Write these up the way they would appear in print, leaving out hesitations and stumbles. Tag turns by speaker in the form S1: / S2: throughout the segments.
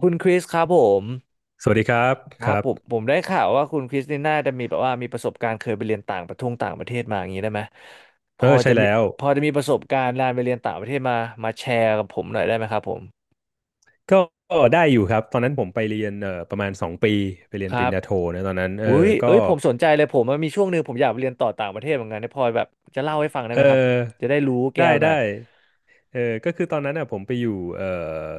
S1: คุณคริสครับผม
S2: สวัสดีครับ
S1: ค
S2: ค
S1: รับ
S2: รับ
S1: ผมได้ข่าวว่าคุณคริสนี่น่าจะมีแบบว่ามีประสบการณ์เคยไปเรียนต่างประทงต่างประเทศมาอย่างนี้ได้ไหมพ
S2: เอ
S1: อ
S2: อใช่
S1: จะมี
S2: แล้ว
S1: พอจะมีประสบการณ์การไปเรียนต่างประเทศมาแชร์กับผมหน่อยได้ไหมครับผม
S2: ก็ได้อยู่ครับตอนนั้นผมไปเรียนประมาณสองปีไปเรี
S1: ค
S2: ยนป
S1: รั
S2: ริญ
S1: บ
S2: ญาโทนะตอนนั้นเออ
S1: อุ้ย
S2: ก็
S1: เอ้ยผมสนใจเลยผมมันมีช่วงหนึ่งผมอยากไปเรียนต่อต่างประเทศเหมือนกันเนี่ยพอแบบจะเล่าให้ฟังได้
S2: เอ
S1: ไหมครับ
S2: อ
S1: จะได้รู้แก้
S2: ได้
S1: วหน่อย
S2: ได้ เออก็คือตอนนั้นอ่ะผมไปอยู่เอ่อ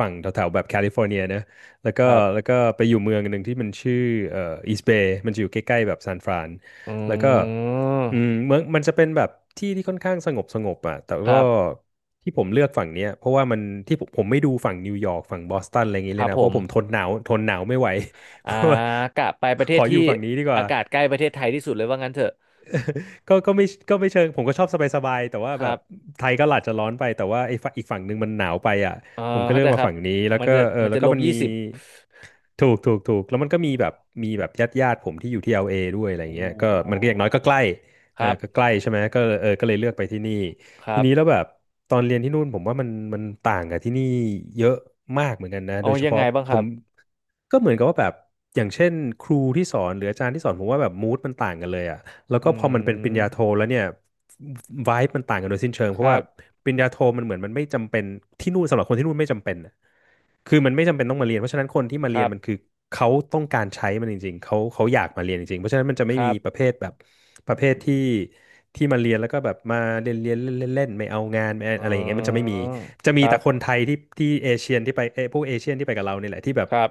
S2: ฝั่งแถวๆแบบแคลิฟอร์เนียนะแล้ว
S1: ค
S2: ก็
S1: รับ
S2: แล้วก็ไปอยู่เมืองหนึ่งที่มันชื่อเอ่ออีสเบย์มันจะอยู่ใกล้ๆแบบซานฟราน
S1: อ
S2: แล้วก็
S1: ืม
S2: อืมเมืองมันจะเป็นแบบที่ที่ค่อนข้างสงบอ่ะแต่
S1: ค
S2: ก็
S1: รับ
S2: ที่ผมเลือกฝั่งเนี้ยเพราะว่ามันที่ผมไม่ดูฝั่งนิวยอร์กฝั่งบอสตันอะไรอย่างงี้
S1: ค
S2: เล
S1: รั
S2: ย
S1: บ
S2: นะ
S1: ผ
S2: เพ
S1: ม
S2: ราะผมทนหนาวไม่ไหว
S1: อ่ากะไปประเท
S2: ข
S1: ศ
S2: ออ
S1: ที่
S2: ยู่ฝั่งนี้ดีก
S1: อา
S2: ว่า
S1: กาศใกล้ประเทศไทยที่สุดเลยว่างั้นเถอะ
S2: ก็ไม่ก็ไม่เชิงผมก็ชอบสบายๆแต่ว่า
S1: ค
S2: แบ
S1: รั
S2: บ
S1: บ
S2: ไทยก็หลาจจะร้อนไปแต่ว่าไอ้ฝั่งอีกฝั่งหนึ่งมันหนาวไปอ่ะ
S1: เออ
S2: ผมก็
S1: เข้า
S2: เลือ
S1: ใจ
S2: กมา
S1: ครับ
S2: ฝั่งนี้แล้ว
S1: มัน
S2: ก็
S1: จะ
S2: เออ
S1: มัน
S2: แล้ว
S1: จะ
S2: ก็
S1: ลบ
S2: มัน
S1: ยี่
S2: มี
S1: สิบ
S2: ถูกแล้วมันก็มีแบบมีแบบญาติผมที่อยู่ที่ l อลเอด้วยอะไร
S1: โอ
S2: เงี้ยก็มัน
S1: ้
S2: ก็อย่างน้อยก็ใกล้
S1: ค
S2: ออ
S1: รับ
S2: ก็ใกล้ใช่ไหมก็เออก็เลยเลือกไปที่นี่
S1: ค
S2: ที
S1: รั
S2: นี้แล้
S1: บ
S2: วแบบตอนเรียนที่นู่นผมว่ามันต่างกับที่นี่เยอะมากเหมือนกันนะโด
S1: เอา
S2: ยเฉ
S1: ยัง
S2: พาะ
S1: ไงบ้างค
S2: ผ
S1: รั
S2: ม
S1: บ
S2: ก็เหมือนกับว่าแบบอย่างเช่นครูที่สอนหรืออาจารย์ที่สอนผมว่าแบบมูดมันต่างกันเลยอ่ะ แล้ว
S1: อื
S2: ก็พอมันเป็นปริ
S1: ม
S2: ญญาโทแล้วเนี่ย vibe มันต่างกันโดยสิ้นเชิง
S1: ค
S2: เพราะ
S1: รั
S2: ว่า
S1: บ
S2: ปริญญาโทมันเหมือนมันไม่จำเป็นที่นู่นสำหรับคนที่นู่นไม่จำเป็นน่ะคือมันไม่จำเป็นต้องมาเรียนเพราะฉะนั้นคนที่มา
S1: ค
S2: เรีย
S1: รั
S2: นมันคื
S1: บ
S2: อเขาต้องการใช้มันจริงๆเขาอยากมาเรียนจริงๆเพราะฉะนั้นมันจะไม่
S1: ค
S2: มี
S1: รับ
S2: ประเภทแบบประเภทที่ที่มาเรียนแล้วก็แบบมาเรียนเรียนเล่นเล่นๆไม่เอางานไม่
S1: อ๋
S2: อะไรอย่างเงี้ยมันจะไม่
S1: อ
S2: มีจะมี
S1: ครั
S2: แต่คน
S1: บ
S2: ไทยที่ที่เอเชียนที่ไปเอยพวกเอเชียนที่ไปกับเราเนี่ยแหละที่แบบ
S1: ครับ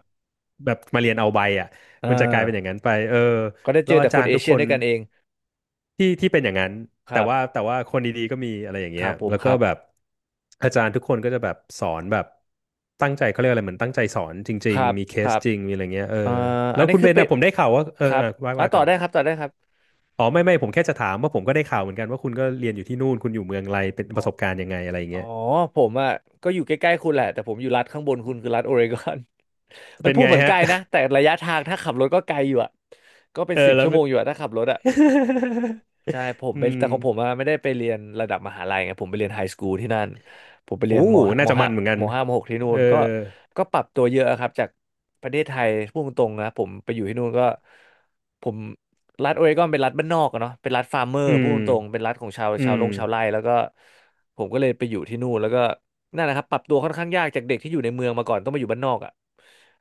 S2: แบบมาเรียนเอาใบอ่ะ
S1: เอ
S2: มันจะกลา
S1: อ
S2: ยเป็นอย่างนั้นไปเออ
S1: ก็ได้
S2: แล้
S1: เจอ
S2: ว
S1: แต่
S2: อา
S1: ค
S2: จา
S1: น
S2: รย์
S1: เอ
S2: ทุก
S1: เชีย
S2: ค
S1: น
S2: น
S1: ด้วยกันเอง
S2: ที่ที่เป็นอย่างนั้น
S1: ค
S2: แต่
S1: รั
S2: ว่า
S1: บ
S2: แต่ว่าคนดีๆก็มีอะไรอย่าง
S1: ค
S2: เงี้
S1: รั
S2: ย
S1: บผม
S2: แล้ว
S1: ค
S2: ก็
S1: รับ
S2: แบบอาจารย์ทุกคนก็จะแบบสอนแบบตั้งใจเขาเรียกอะไรเหมือนตั้งใจสอนจ
S1: ค
S2: ริง
S1: รับ
S2: ๆมีเค
S1: ค
S2: ส
S1: รับ
S2: จริงมีอะไรเงี้ยเออ
S1: เอ่อ
S2: แล้
S1: อั
S2: ว
S1: นนี้
S2: คุณ
S1: คื
S2: เบ
S1: อ
S2: น
S1: เป็
S2: นะ
S1: น
S2: ผมได้ข่าวว่าเออ
S1: ครับ
S2: อ่ะว่า
S1: อ่ะ
S2: ว่า
S1: ต่
S2: กั
S1: อ
S2: น
S1: ได้ครับต่อได้ครับ
S2: อ๋อไม่ผมแค่จะถามว่าผมก็ได้ข่าวเหมือนกันว่าคุณก็เรียนอยู่ที่นู่นคุณอยู่เมืองไรเป็นประสบการณ์ยังไงอะไร
S1: อ๋อ
S2: เงี้ย
S1: ผมอ่ะก็อยู่ใกล้ๆคุณแหละแต่ผมอยู่รัฐข้างบนคุณคือรัฐโอเรกอน มัน
S2: เป็น
S1: พูด
S2: ไง
S1: เหมือนไก
S2: ฮะ
S1: ลนะแต่ระยะทางถ้าขับรถก็ไกลอยู่อ่ะก็ เป็น
S2: เอ
S1: สิ
S2: อ
S1: บ
S2: แล้ว
S1: ชั่วโมงอยู่อ่ะถ้าขับรถอ่ะ ใช่ผม
S2: อื
S1: ไป
S2: ม
S1: แต่ของผมอะไม่ได้ไปเรียนระดับมหาลัยไงผมไปเรียนไฮสคูลที่นั่นผมไป
S2: โอ้
S1: เรียน
S2: น่าจะมันเหมือนกัน
S1: มห้ามหกที่นู่
S2: เอ
S1: น
S2: อ
S1: ก็ก็ปรับตัวเยอะครับจากประเทศไทยพูดตรงๆนะผมไปอยู่ที่นู่นก็ผมรัฐโอเรกอนเป็นรัฐบ้านนอกอะเนาะเป็นรัฐฟาร์มเมอร์
S2: อื
S1: พูด
S2: ม
S1: ตรงๆเป็นรัฐของ
S2: อืม
S1: ชาวไร่แล้วก็ผมก็เลยไปอยู่ที่นู่นแล้วก็ นั่นแหละครับปรับตัวค่อนข้างยากจากเด็กที่อยู่ในเมืองมาก่อนต้องมาอยู่บ้านนอกอ่ะ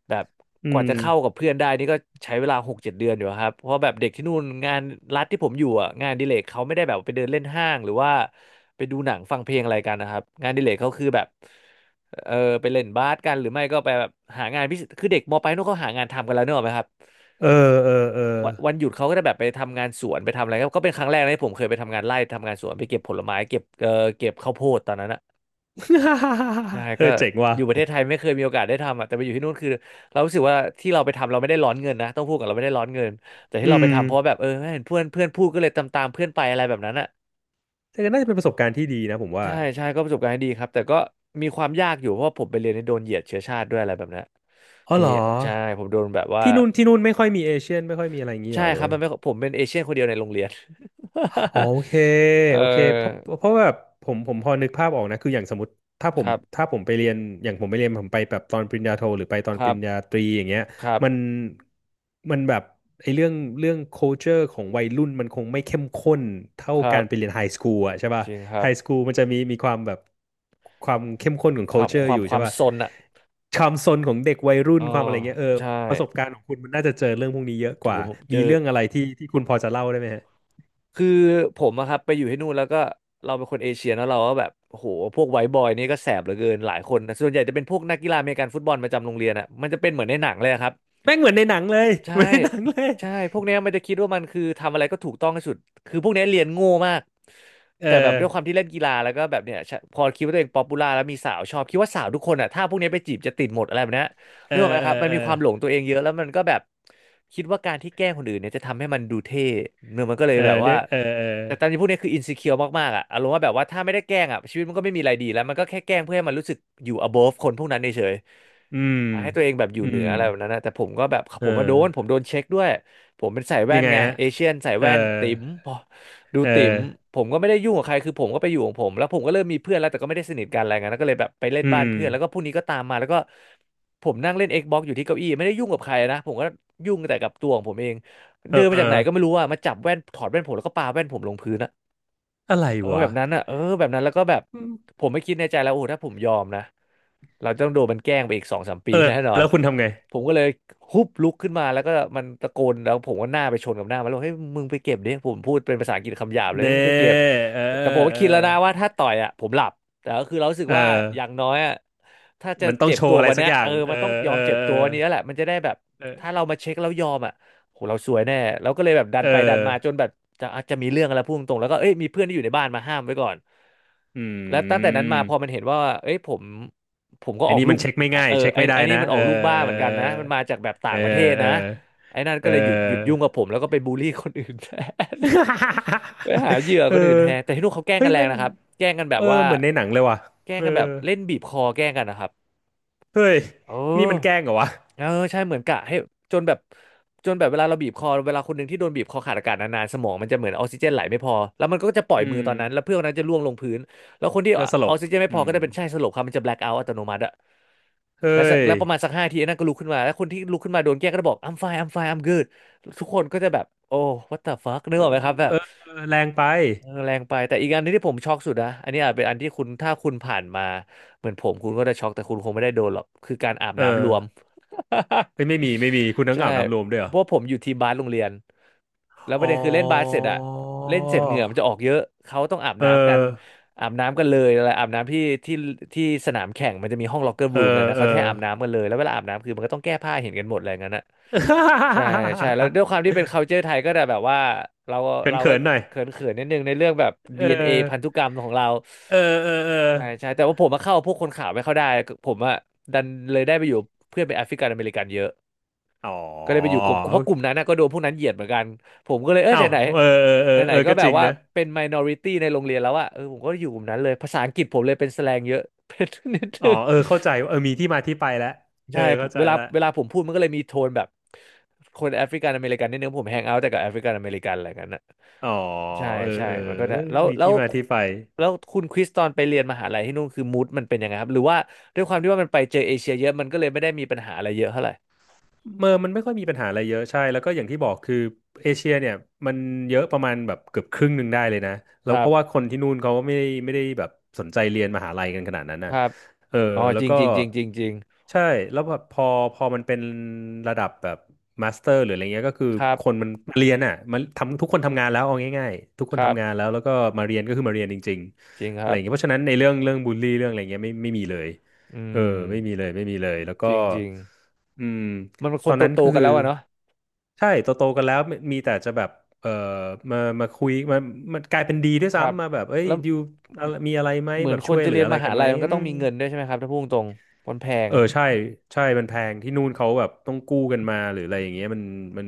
S1: แบบ
S2: อื
S1: กว่า
S2: ม
S1: จะเข้ากับเพื่อนได้นี่ก็ใช้เวลา6-7 เดือนอยู่ครับเพราะแบบเด็กที่นู่นงานรัฐที่ผมอยู่อ่ะงานอดิเลกเขาไม่ได้แบบไปเดินเล่นห้างหรือว่าไปดูหนังฟังเพลงอะไรกันนะครับงานอดิเลกเขาคือแบบเออไปเล่นบาสกันหรือไม่ก็ไปแบบหางานพิเศษคือเด็กมปลายนู่นเขาหางานทำกันแล้วเนกอะไหมครับ
S2: เออเออ
S1: วันหยุดเขาก็จะแบบไปทำงานสวนไปทำอะไรก็ก็เป็นครั้งแรกนะที่ผมเคยไปทำงานไร่ทำงานสวนไปเก็บผลไม้เก็บเก็บข้าวโพดตอนนั้นอะ ใช่
S2: เอ
S1: ก็
S2: อเจ๋งว่ะ
S1: อยู่ประเทศไทยไม่เคยมีโอกาสได้ทำอ่ะแต่ไปอยู่ที่นู่นคือเรารู้สึกว่าที่เราไปทำเราไม่ได้ร้อนเงินนะต้องพูดกับเราไม่ได้ร้อนเงินแต่ที่
S2: อื
S1: เราไป
S2: ม
S1: ทำเพราะว่าแบบเออเห็นเพื่อนเพื่อนพูดก็เลยตามเพื่อนไปอะไรแบบนั้นอ่ะ
S2: แต่ก็น่าจะเป็นประสบการณ์ที่ดีนะผมว่า
S1: ใช่ใช่ก็ประสบการณ์ที่ดีครับแต่ก็มีความยากอยู่เพราะว่าผมไปเรียนในโดนเหยียดเชื้อชาติด้วยอะไรแบบนั้น
S2: อ๋อ
S1: มี
S2: เหรอ
S1: ใช่ผมโดนแบบว่า
S2: ที่นู่นไม่ค่อยมีเอเชียนไม่ค่อยมีอะไรอย่างงี้เห
S1: ใช่
S2: รอหรื
S1: ค
S2: อ
S1: รับ
S2: ว่า
S1: มันไม่ผมเป็นเอเชียนคนเดียวในโรงเรียน
S2: อ๋อโอเค
S1: เ
S2: โอเคเพราะ
S1: ออ
S2: เพราะแบบผมพอนึกภาพออกนะคืออย่างสมมติถ้าผ
S1: ค
S2: ม
S1: รับ
S2: ถ้าผมไปเรียนอย่างผมไปเรียนผมไปแบบตอนปริญญาโทหรือไปตอน
S1: ค
S2: ป
S1: รั
S2: ริ
S1: บ
S2: ญญาตรีอย่างเงี้ย
S1: ครับ
S2: มันมันแบบไอ้เรื่องเรื่อง culture ของวัยรุ่นมันคงไม่เข้มข้นเท่า
S1: ครั
S2: กา
S1: บ
S2: รไปเรียนไฮสคูลอะใช่ป่ะ
S1: จริงครั
S2: ไฮ
S1: บ
S2: สคูลมันจะมีมีความแบบความเข้มข้นของ
S1: ความ
S2: culture
S1: ควา
S2: อ
S1: ม
S2: ยู่
S1: ค
S2: ใช่
S1: วาม
S2: ป่ะ
S1: ซนอ่ะ
S2: ความซนของเด็กวัยรุ่
S1: เอ
S2: น
S1: อ
S2: ความอะไรเงี้ยเออ
S1: ใช่
S2: ประสบการณ์ของคุณมันน่าจะเจอเรื่องพวกนี้เยอะก
S1: โห
S2: ว่า
S1: ผมเจ
S2: มี
S1: อ
S2: เรื่องอะไรที่ที่คุณพอจะเล่าได้ไหม
S1: คือผมอะครับไปอยู่ที่นู่นแล้วก็เราเป็นคนเอเชียเนอะเราก็แบบโอ้โหพวกไวท์บอยนี่ก็แสบเหลือเกินหลายคนนะส่วนใหญ่จะเป็นพวกนักกีฬาอเมริกันฟุตบอลประจำโรงเรียนอะมันจะเป็นเหมือนในหนังเลยอะครับ
S2: แม่งเหมือนในหนังเลย
S1: ใช่
S2: เหมือนในหนังเลย
S1: ใช่พวกเนี้ยมันจะคิดว่ามันคือทำอะไรก็ถูกต้องที่สุดคือพวกเนี้ยเรียนโง่มาก
S2: เอ
S1: แต่แบบ
S2: อ
S1: ด้วยความที่เล่นกีฬาแล้วก็แบบเนี้ยชะพอคิดว่าตัวเองป๊อปปูล่าแล้วมีสาวชอบคิดว่าสาวทุกคนอ่ะถ้าพวกเนี้ยไปจีบจะติดหมดอะไรแบบเนี้ย
S2: เอ
S1: นึ
S2: อ
S1: กออกไหม
S2: เอ
S1: ครับ
S2: อ
S1: มัน
S2: เออ
S1: มีความหลงตัวเองเยอะแล้วมันก็แบบคิดว่าการที่แกล้งคนอื่นเนี่ยจะทำให้มันดูเท่เนื้อมันก็เลย
S2: เออ
S1: แบบ
S2: เรี
S1: ว่า
S2: ยกเออเออ
S1: แต่ตามที่พูดเนี่ยคืออิน e ิเคียวมากๆอะอารมณ์ว่าแบบว่าถ้าไม่ได้แกล้งอะชีวิตมันก็ไม่มีอะไรดีแล้วมันก็แค่แกล้งเพื่อให้มันรู้สึกอยู่ above คนพวกนั้นเฉย
S2: อืม
S1: ๆให้ตัวเองแบบอยู่
S2: อื
S1: เหนือ
S2: ม
S1: อะไรแบบนั้นนะแต่ผมก็แบบ
S2: เอ
S1: ผมมาโด
S2: อ
S1: นผมโดนเช็คด้วยผมเป็นสายแว่
S2: ยัง
S1: น
S2: ไง
S1: ไง
S2: ฮะ
S1: เอเชียนสาย
S2: เออ
S1: แว่นติ๋มพอดู
S2: เอ
S1: ติ๋ม
S2: อ
S1: ผมก็ไม่ได้ยุ่งกับใครคือผมก็ไปอยู่ของผมแล้วผมก็เริ่มมีเพื่อนแล้วแต่ก็ไม่ได้สนิทกันอะไรเงี้ยแล้วก็เลยแบบไปเล่น
S2: อื
S1: บ้า
S2: ม
S1: นเพื่อนแล้วก็พวกนี้ก็ตามมาแล้วก็ผมนั่งเล่น Xbox อยู่ที่เก้าอี้ไม่ได้ยุ่งกับใครนะผมก็ยุ่งแต่กับตัวของผมเอง
S2: เออ
S1: เดิน
S2: เอ
S1: มา
S2: อ
S1: จากไหนก็ไม่รู้อะมาจับแว่นถอดแว่นผมแล้วก็ปาแว่นผมลงพื้นอะ
S2: อะไร
S1: เออแบ
S2: วะ
S1: บนั้นอะเออแบบนั้นแล้วก็แบบ
S2: อืม
S1: ผมไม่คิดในใจแล้วโอ้โหถ้าผมยอมนะ เราจะต้องโดนมันแกล้งไปอีกสองสามปี
S2: เออ
S1: แน่นอน
S2: แล้วคุณทำไง
S1: ผมก็เลยฮุบลุกขึ้นมาแล้วก็มันตะโกนแล้วผมก็หน้าไปชนกับหน้ามันแล้วเฮ้ยมึงไปเก็บดิผมพูดเป็นภาษาอังกฤษคำหยาบเลย
S2: เน่
S1: เฮ้ยมึงไปเก็บ
S2: เอ
S1: แต่ผม
S2: อ
S1: ก็
S2: เออ
S1: คิดแล้วนะว่าถ้าต่อยอ่ะผมหลับแต่ก็คือเรารู้สึก
S2: เอ
S1: ว่า
S2: อ
S1: อย่างน้อยอ่ะถ้าจะ
S2: มันต้อง
S1: เจ็บ
S2: โช
S1: ตั
S2: ว์
S1: ว
S2: อะไร
S1: วัน
S2: สัก
S1: เนี้ย
S2: อย่า
S1: เออ
S2: ง
S1: มันต้องยอ
S2: เออ
S1: มเจ็บ
S2: เออ
S1: ตัววันนี้แล้วแหละมันจะได้แบบ
S2: เออ
S1: ถ้าเรามาเช็คแล้วยอมอ่ะโหเราสวยแน่เราก็เลยแบบดัน
S2: เอ
S1: ไปดัน
S2: อ
S1: มาจนแบบจะอาจจะมีเรื่องอะไรพุ่งตรงๆแล้วก็เอ้ยมีเพื่อนที่อยู่ในบ้านมาห้ามไว้ก่อน
S2: อื
S1: แล้วตั้งแต่นั้นมา
S2: ม
S1: พอมันเห็นว่าเอ้ยผมก็
S2: ไอ้
S1: ออก
S2: นี่
S1: ลู
S2: มั
S1: ก
S2: นเช็คไม่ง่าย
S1: เออ
S2: เช็ค
S1: ไอ้
S2: ไม่ได้
S1: ไอ้นี่
S2: นะ
S1: มันอ
S2: เอ
S1: อ
S2: อ
S1: กลูกบ้าเหมือนกันนะมันมาจากแบบ
S2: เอ
S1: ต่า
S2: อ
S1: งประเทศ
S2: เออ
S1: นะไอ้นั่น
S2: เออเอ
S1: ก็เลยหยุดยุ่ง
S2: อ
S1: กับผมแล้วก็ไปบูลลี่คนอื่น แทน ไปหาเหยื่อ
S2: เอ
S1: คนอื่น
S2: อ
S1: แทน แต่ที่นู่นเขาแกล้ง
S2: เฮ้
S1: กั
S2: ย
S1: นแรง
S2: แม่ง
S1: นะครับแกล้งกันแบบ
S2: เออ
S1: ว่า
S2: เหมือนในหนังเลยว่ะ
S1: แกล้ง
S2: เอ
S1: กันแบ
S2: อ
S1: บเล่นบีบคอแกล้งกันนะครับ
S2: เฮ้ย
S1: เอ
S2: นี่มั
S1: อ
S2: นแกล้งเหรอวะ
S1: เออใช่เหมือนกะให้จนแบบจนแบบเวลาเราบีบคอเวลาคนหนึ่งที่โดนบีบคอขาดอากาศนานๆสมองมันจะเหมือนออกซิเจนไหลไม่พอแล้วมันก็จะปล่อ
S2: อื
S1: ยมือ
S2: ม
S1: ตอนนั้นแล้วเพื่อนคนนั้นจะร่วงลงพื้นแล้วคนที่
S2: เอ
S1: อ
S2: อสล
S1: อ
S2: บ
S1: กซิเจนไม่
S2: อื
S1: พอ
S2: ม
S1: ก็จะเป็นใช่สลบครับมันจะแบล็คเอาท์อัตโนมัติอะแล้ว
S2: เฮ้
S1: สัก
S2: ย
S1: แล้วประมาณสักห้าทีไอ้นั่นก็ลุกขึ้นมาแล้วคนที่ลุกขึ้นมาโดนแกล้งก็จะบอก I'm fine I'm fine I'm good ทุกคนก็จะแบบโอ้ what the fuck นึกออกไหมครับแบ
S2: เอ
S1: บ
S2: อแรงไป
S1: เออแรงไปแต่อีกอันที่ผมช็อกสุดนะอันนี้อาจเป็นอันที่คุณถ้าคุณผ่านมาเหมือนผมคุณก็จะช็อกแต่คุณคงไม่ได้โดนหรอกคือการอาบ
S2: เอ
S1: น้ำร
S2: อ
S1: วม
S2: เฮ้ ยไม่มีไม่มีคุณน้ำ
S1: ใช่
S2: เหงาน้ำรวมด้วยเหรอ
S1: เพราะผมอยู่ทีมบาสโรงเรียนแล้วป
S2: อ๋
S1: ระ
S2: อ
S1: เด็นคือเล่นบาสเสร็จอะเล่นเสร็จเหงื่อมันจะออกเยอะเขาต้องอาบ
S2: เอ
S1: น้ำกัน
S2: อ
S1: อาบน้ำกันเลยอะไรอาบน้ำที่ที่สนามแข่งมันจะมีห้องล็อกเกอร์
S2: เอ
S1: รูมเลย
S2: อ
S1: นะ
S2: เอ
S1: เขาจะให้
S2: อ
S1: อาบน้ำกันเลยแล้วเวลาอาบน้ำคือมันก็ต้องแก้ผ้าเห็นกันหมดอะไรอย่างนั้นอะใช่ใช่แล้วด้วยความที่เป็น culture ไทยก็จะแบบว่าเรา เรา
S2: เขิ
S1: ก็
S2: นๆหน่อย
S1: เขินนิดนึงในเรื่องแบบ
S2: เออ
S1: DNA พันธุกรรมของเรา
S2: เออเออเออ
S1: ใช่ใช่แต่ว่าผมมาเข้าพวกคนขาวไม่เข้าได้ผมอะดันเลยได้ไปอยู่เพื่อนเป็นแอฟริกันอเมริกันเยอะ
S2: อ๋อ
S1: ก็เลยไปอยู่กลุ่มเพราะกลุ่มนั้นนะก็โดนพวกนั้นเหยียดเหมือนกันผมก็เลยเออ
S2: อ้า
S1: ไหน
S2: ว
S1: ไหน
S2: เออเออเออ
S1: ไหนไหน
S2: เออ
S1: ๆก็
S2: ก็
S1: แบ
S2: จ
S1: บ
S2: ริง
S1: ว่า
S2: นะ
S1: เป็น minority ในโรงเรียนแล้วอะเออผมก็อยู่กลุ่มนั้นเลยภาษาอังกฤษผมเลยเป็นแสแลงเยอะ เป็นนิด
S2: อ๋
S1: นึ
S2: อ
S1: ง
S2: เออเข้าใจเออมีที่มาที่ไปแล้วเอ
S1: ใช่
S2: อ
S1: ผ
S2: เข้า
S1: ม
S2: ใจ
S1: เวลา
S2: ละ
S1: เวลาผมพูดมันก็เลยมีโทนแบบคนแอฟริกันอเมริกันนิดนึงผมแฮงเอาท์แต่กับแอฟริกันอเมริกันอะไรกันนะ
S2: อ๋อ
S1: ใช่
S2: เออ
S1: ใช่
S2: เออ
S1: มันก็จะแล้ว
S2: มี
S1: แล้
S2: ที่
S1: ว
S2: มาที่ไป
S1: แล้วคุณคริสตอนไปเรียนมหาลัยที่นู่นคือมูดมันเป็นยังไงครับหรือว่าด้วยความที่ว่ามันไปเจอเอเชียเยอะมันก็เลยไม่ได้มีปัญหาอะไรเยอะเท่าไหร่
S2: เมอร์มันไม่ค่อยมีปัญหาอะไรเยอะใช่แล้วก็อย่างที่บอกคือเอเชียเนี่ยมันเยอะประมาณแบบเกือบครึ่งหนึ่งได้เลยนะ
S1: ค
S2: แล้ว
S1: รั
S2: เพราะว่า
S1: บ
S2: คนที่นู่นเขาก็ไม่ได้แบบสนใจเรียนมหาลัยกันขนาดนั้น
S1: ค
S2: น่ะ
S1: รับ
S2: เออ
S1: อ๋อ
S2: แล้
S1: จ
S2: ว
S1: ริง
S2: ก็
S1: จริงจริงจริงจริง
S2: ใช่แล้วแบบพอมันเป็นระดับแบบมาสเตอร์หรืออะไรเงี้ยก็คือ
S1: ครับ
S2: คนมันมาเรียนอ่ะมันทำทุกคนทำงานแล้วเอาง่ายๆทุกค
S1: ค
S2: น
S1: รับ
S2: ทำงานแล้วแล้วก็มาเรียนก็คือมาเรียนจริง
S1: จริง
S2: ๆ
S1: ค
S2: อะไร
S1: รั
S2: อ
S1: บ
S2: ย่างเงี้ยเพราะฉะนั้นในเรื่องบูลลี่เรื่องอะไรเงี้ยไม่มีเลย
S1: อื
S2: เออ
S1: ม
S2: ไม่มีเลยไม่มีเลยแล้ว
S1: จ
S2: ก็
S1: ริงจริง
S2: อืม
S1: มันเป็นค
S2: ตอ
S1: น
S2: น
S1: ตั
S2: นั้
S1: ว
S2: น
S1: โต
S2: คือ
S1: กันแล้วอะเนาะ
S2: ใช่โตโตกันแล้วมีแต่จะแบบเออมามาคุยมามันกลายเป็นดีด้วย
S1: ครับ
S2: ซ้ำมาแบบเอ้ย
S1: แล้ว
S2: ยูอะไรมีอะไรไหม
S1: เหมือ
S2: แบ
S1: น
S2: บ
S1: ค
S2: ช่
S1: น
S2: วย
S1: จะ
S2: เหลื
S1: เรี
S2: อ
S1: ยน
S2: อะไร
S1: มหา
S2: กันไหม
S1: ลัยมันก็
S2: อื
S1: ต้อง
S2: ม
S1: มีเงินด้วยใช่ไหมครับถ้าพูดตรงๆมันแพง
S2: เออใช่ใช่มันแพงที่นู่นเขาแบบต้องกู้กันมาหรืออะไรอย่างเงี้ยมัน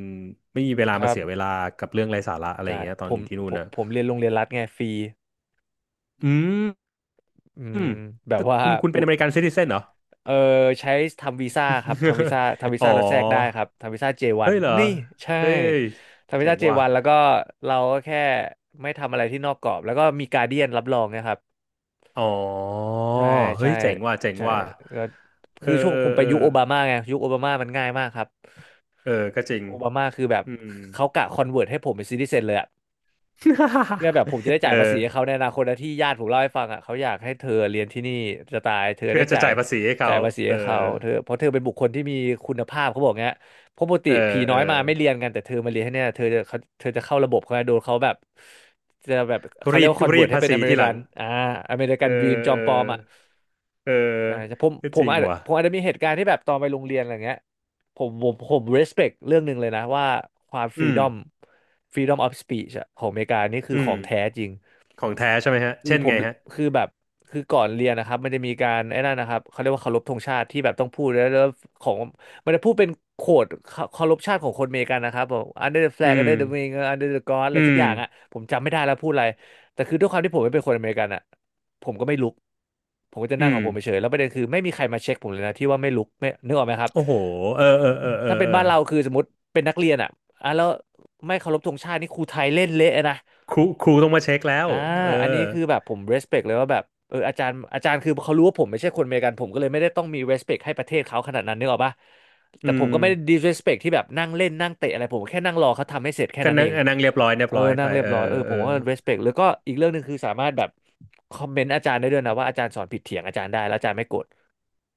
S2: ไม่มีเวลา
S1: ค
S2: มา
S1: รับ
S2: เสียเวลากับเรื่องไร้สาระอะไรอ
S1: ใช่
S2: ย่างเงี้ยตอ
S1: ผ
S2: นอ
S1: ม
S2: ยู่ที่นู่
S1: ผ
S2: น
S1: ม
S2: นะ
S1: ผมเรียนโรงเรียนรัฐไงฟรี
S2: อืม
S1: อื
S2: อื
S1: ม
S2: ม
S1: แบ
S2: แต่
S1: บว่า
S2: คุณเป็
S1: อุ
S2: นอ
S1: ด
S2: เมริกันซิติเซนเหรอ
S1: เออใช้ทำวีซ่าครับทำวีซ่าทำวี
S2: อ๋
S1: ซ่าเราแทรกได้
S2: อ
S1: ครับทำวีซ่า
S2: เฮ้
S1: J1
S2: ยเหรอ
S1: นนี่ใช่
S2: เฮ้ย
S1: ทำวี
S2: เจ๋ง
S1: ซ่า
S2: ว่ะ
S1: J1 แล้วก็เราก็แค่ไม่ทำอะไรที่นอกกรอบแล้วก็มีการเดียนรับรองนะครับ
S2: อ๋อ
S1: ใช่
S2: เฮ้
S1: ใช่
S2: ยเจ๋งว่ะเจ๋ง
S1: ใช่
S2: ว่ะ
S1: ก็
S2: เอ
S1: คื
S2: อ
S1: อช่วง
S2: เอ
S1: ผม
S2: อ
S1: ไป
S2: เออ
S1: ยุคโอบามาไงยุคโอบามามันง่ายมากครับ
S2: เออก็จริง
S1: โอบามาคือแบบ
S2: อืม
S1: เขากะคอนเวิร์ตให้ผมเป็นซิติเซนเลยอะ เพื่อ แบบผมจะได้
S2: เอ
S1: จ่าย
S2: อ
S1: ภาษีให้เขาในอนาคตนะที่ญาติผมเล่าให้ฟังอ่ะเขาอยากให้เธอเรียนที่นี่จะตายเธอ
S2: เพื่
S1: ได้
S2: อจะ
S1: จ่าย
S2: จ่ายภาษีให้เขา
S1: ภาษี
S2: เออ
S1: ให้เขาเธอเพราะเธอเป็นบุคคลที่มีคุณภาพเขาบอกเงี้ยเพราะปกติ
S2: เอ
S1: ผี
S2: อเอ
S1: น้
S2: อ
S1: อยมาไม่เรียนกันแต่เธอมาเรียนให้เนี่ยเธอจะเขาเธอจะเข้าระบบเขาโดนเขาแบบจะแบบเขาเรี
S2: รี
S1: ยก
S2: ด
S1: ว่าคอนเวิ
S2: รี
S1: ร์ต
S2: ด
S1: ให้
S2: ภา
S1: เป็น
S2: ษี
S1: อเม
S2: ที
S1: ริ
S2: ห
S1: กั
S2: ลัง
S1: นอเมริกั
S2: เอ
S1: น
S2: อ
S1: ดรีมจอ
S2: เอ
S1: มปลอมอ่ะ
S2: อเออ
S1: ใช่ใช่ผม
S2: ก็
S1: ผ
S2: จ
S1: ม
S2: ริง
S1: อาจจะ
S2: ว่ะ
S1: มีเหตุการณ์ที่แบบตอนไปโรงเรียนอะไรเงี้ย ผม respect เรื่องหนึ่งเลยนะว่าความ
S2: อืม
S1: freedom freedom of speech อะของอเมริกานี่คือ
S2: อื
S1: ข
S2: ม
S1: องแท้จริง
S2: ของแท้ใช่ไหมฮะ
S1: คือ
S2: เช่น
S1: ผม
S2: ไงฮะ
S1: คือแบบคือก่อนเรียนนะครับมันจะมีการไอ้นั่นนะครับเขาเรียกว่าเคารพธงชาติที่แบบต้องพูดแล้วของมันจะพูดเป็นโคดเคารพชาติของคนอเมริกันนะครับบอก under the
S2: อื
S1: flag
S2: ม
S1: under the wing under the god อะไร
S2: อื
S1: สัก
S2: ม
S1: อย่างอะผมจำไม่ได้แล้วพูดอะไรแต่คือด้วยความที่ผมไม่เป็นคนอเมริกันอะผมก็ไม่ลุก ผมก็จะ
S2: อื
S1: นั่งขอ
S2: ม
S1: งผมเฉยๆแล้วประเด็นคือไม่มีใครมาเช็คผมเลยนะที่ว่าไม่ลุกไม่นึกออกไหมครับ
S2: โอ้โหเออเออเออเออ
S1: ถ้าเป็น
S2: เออ
S1: บ้านเราคือสมมติเป็นนักเรียนอ่ะอ่ะแล้วไม่เคารพธงชาตินี่ครูไทยเล่นเละนะ
S2: ครูต้องมาเช็คแล้ว
S1: อ่า
S2: เอ
S1: อันนี้
S2: อ
S1: คือแบบผม respect เลยว่าแบบเอออาจารย์คือเขารู้ว่าผมไม่ใช่คนอเมริกันผมก็เลยไม่ได้ต้องมี respect ให้ประเทศเขาขนาดนั้นนึกออกปะ
S2: อื
S1: แต่ผม
S2: ม
S1: ก็ไม่ได้ disrespect ที่แบบนั่งเล่นนั่งเตะอะไรผมแค่นั่งรอเขาทำให้เสร็จแค่
S2: ก็
S1: นั้นเอ
S2: นั่ง
S1: ง
S2: อ่ะนั่งเรียบร้อยเรีย
S1: เอ
S2: บ
S1: อ
S2: ร้อย
S1: นั่
S2: ไป
S1: งเรียบ
S2: เอ
S1: ร้อย
S2: อ
S1: เออผ
S2: เออ
S1: มก็ respect แล้วก็อีกเรื่องหนึ่งคือสามารถแบบคอมเมนต์อาจารย์ได้ด้วยนะว่าอาจารย์สอนผิดเถียงอาจารย์ได้แล้วอาจารย์ไม่โกรธ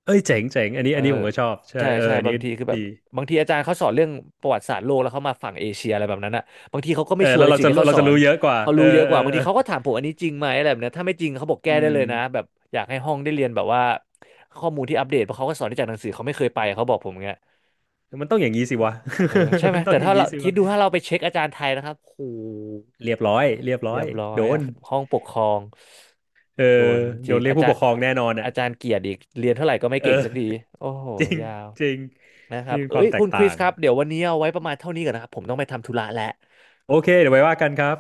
S2: เอ้ยเจ๋งเจ๋งอันนี้
S1: เอ
S2: อั
S1: อ
S2: นนี้ผมก็ชอบใช่
S1: ใช่
S2: เอ
S1: ใช่
S2: ออัน
S1: บา
S2: นี้
S1: งทีคือแบบ
S2: ดี
S1: บางทีอาจารย์เขาสอนเรื่องประวัติศาสตร์โลกแล้วเขามาฝั่งเอเชียอะไรแบบนั้นอะบางทีเขาก็
S2: เอ
S1: ไม่
S2: อ
S1: ชัว
S2: แล้
S1: ร์
S2: ว
S1: ใน
S2: เรา
S1: สิ่ง
S2: จะ
S1: ที่เขา
S2: เรา
S1: สอ
S2: จะ
S1: น
S2: รู้เยอะกว่า
S1: เขา
S2: เออ
S1: รู้เยอะก
S2: เออ
S1: ว่าบาง
S2: เอ
S1: ที
S2: อ
S1: เขาก็ถามผมอันนี้จริงไหมอะไรแบบเนี้ยถ้าไม่จริงเขาบอกแก้
S2: อื
S1: ได้
S2: ม
S1: เลยนะแบบอยากให้ห้องได้เรียนแบบว่าข้อมูลที่อัปเดตเพราะเขาก็สอนที่จากหนังสือเขาไม่เคยไปเขาบอกผมอย่างเงี้ย
S2: มันต้องอย่างนี้สิวะ
S1: เออใช่ ไหม
S2: มันต้อ
S1: แต่
S2: งอ
S1: ถ้า
S2: ย่าง
S1: เรา
S2: นี้สิ
S1: คิด
S2: วะ
S1: ดูถ้าเราไปเช็คอาจารย์ไทยนะครับโห
S2: เรียบร้อยเรียบร้
S1: เรี
S2: อ
S1: ย
S2: ย
S1: บร้อย
S2: โด
S1: อะ
S2: น
S1: ห้องปกครอง
S2: เออ
S1: โดนจ
S2: โด
S1: ริ
S2: น
S1: ง
S2: เรียก
S1: อา
S2: ผู้
S1: จา
S2: ป
S1: ร
S2: ก
S1: ย์
S2: ครองแน่นอนอ่ะ
S1: อาจารย์เกียรติอีกเรียนเท่าไหร่ก็ไม่
S2: เอ
S1: เก่ง
S2: อ
S1: สักทีโอ้โห
S2: จริง
S1: ยาว
S2: จริง
S1: นะครั
S2: นี่
S1: บ
S2: เป็น
S1: เอ้
S2: ควา
S1: ย
S2: มแต
S1: คุ
S2: ก
S1: ณคริ
S2: ต่า
S1: ส
S2: ง
S1: ครับ เดี๋ยววันนี้เอาไว้ประมาณเท่านี้ก่อนนะครับ ผมต้องไปทำธุระแล้ว
S2: โอเคเดี๋ยวไว้ว่ากันครับ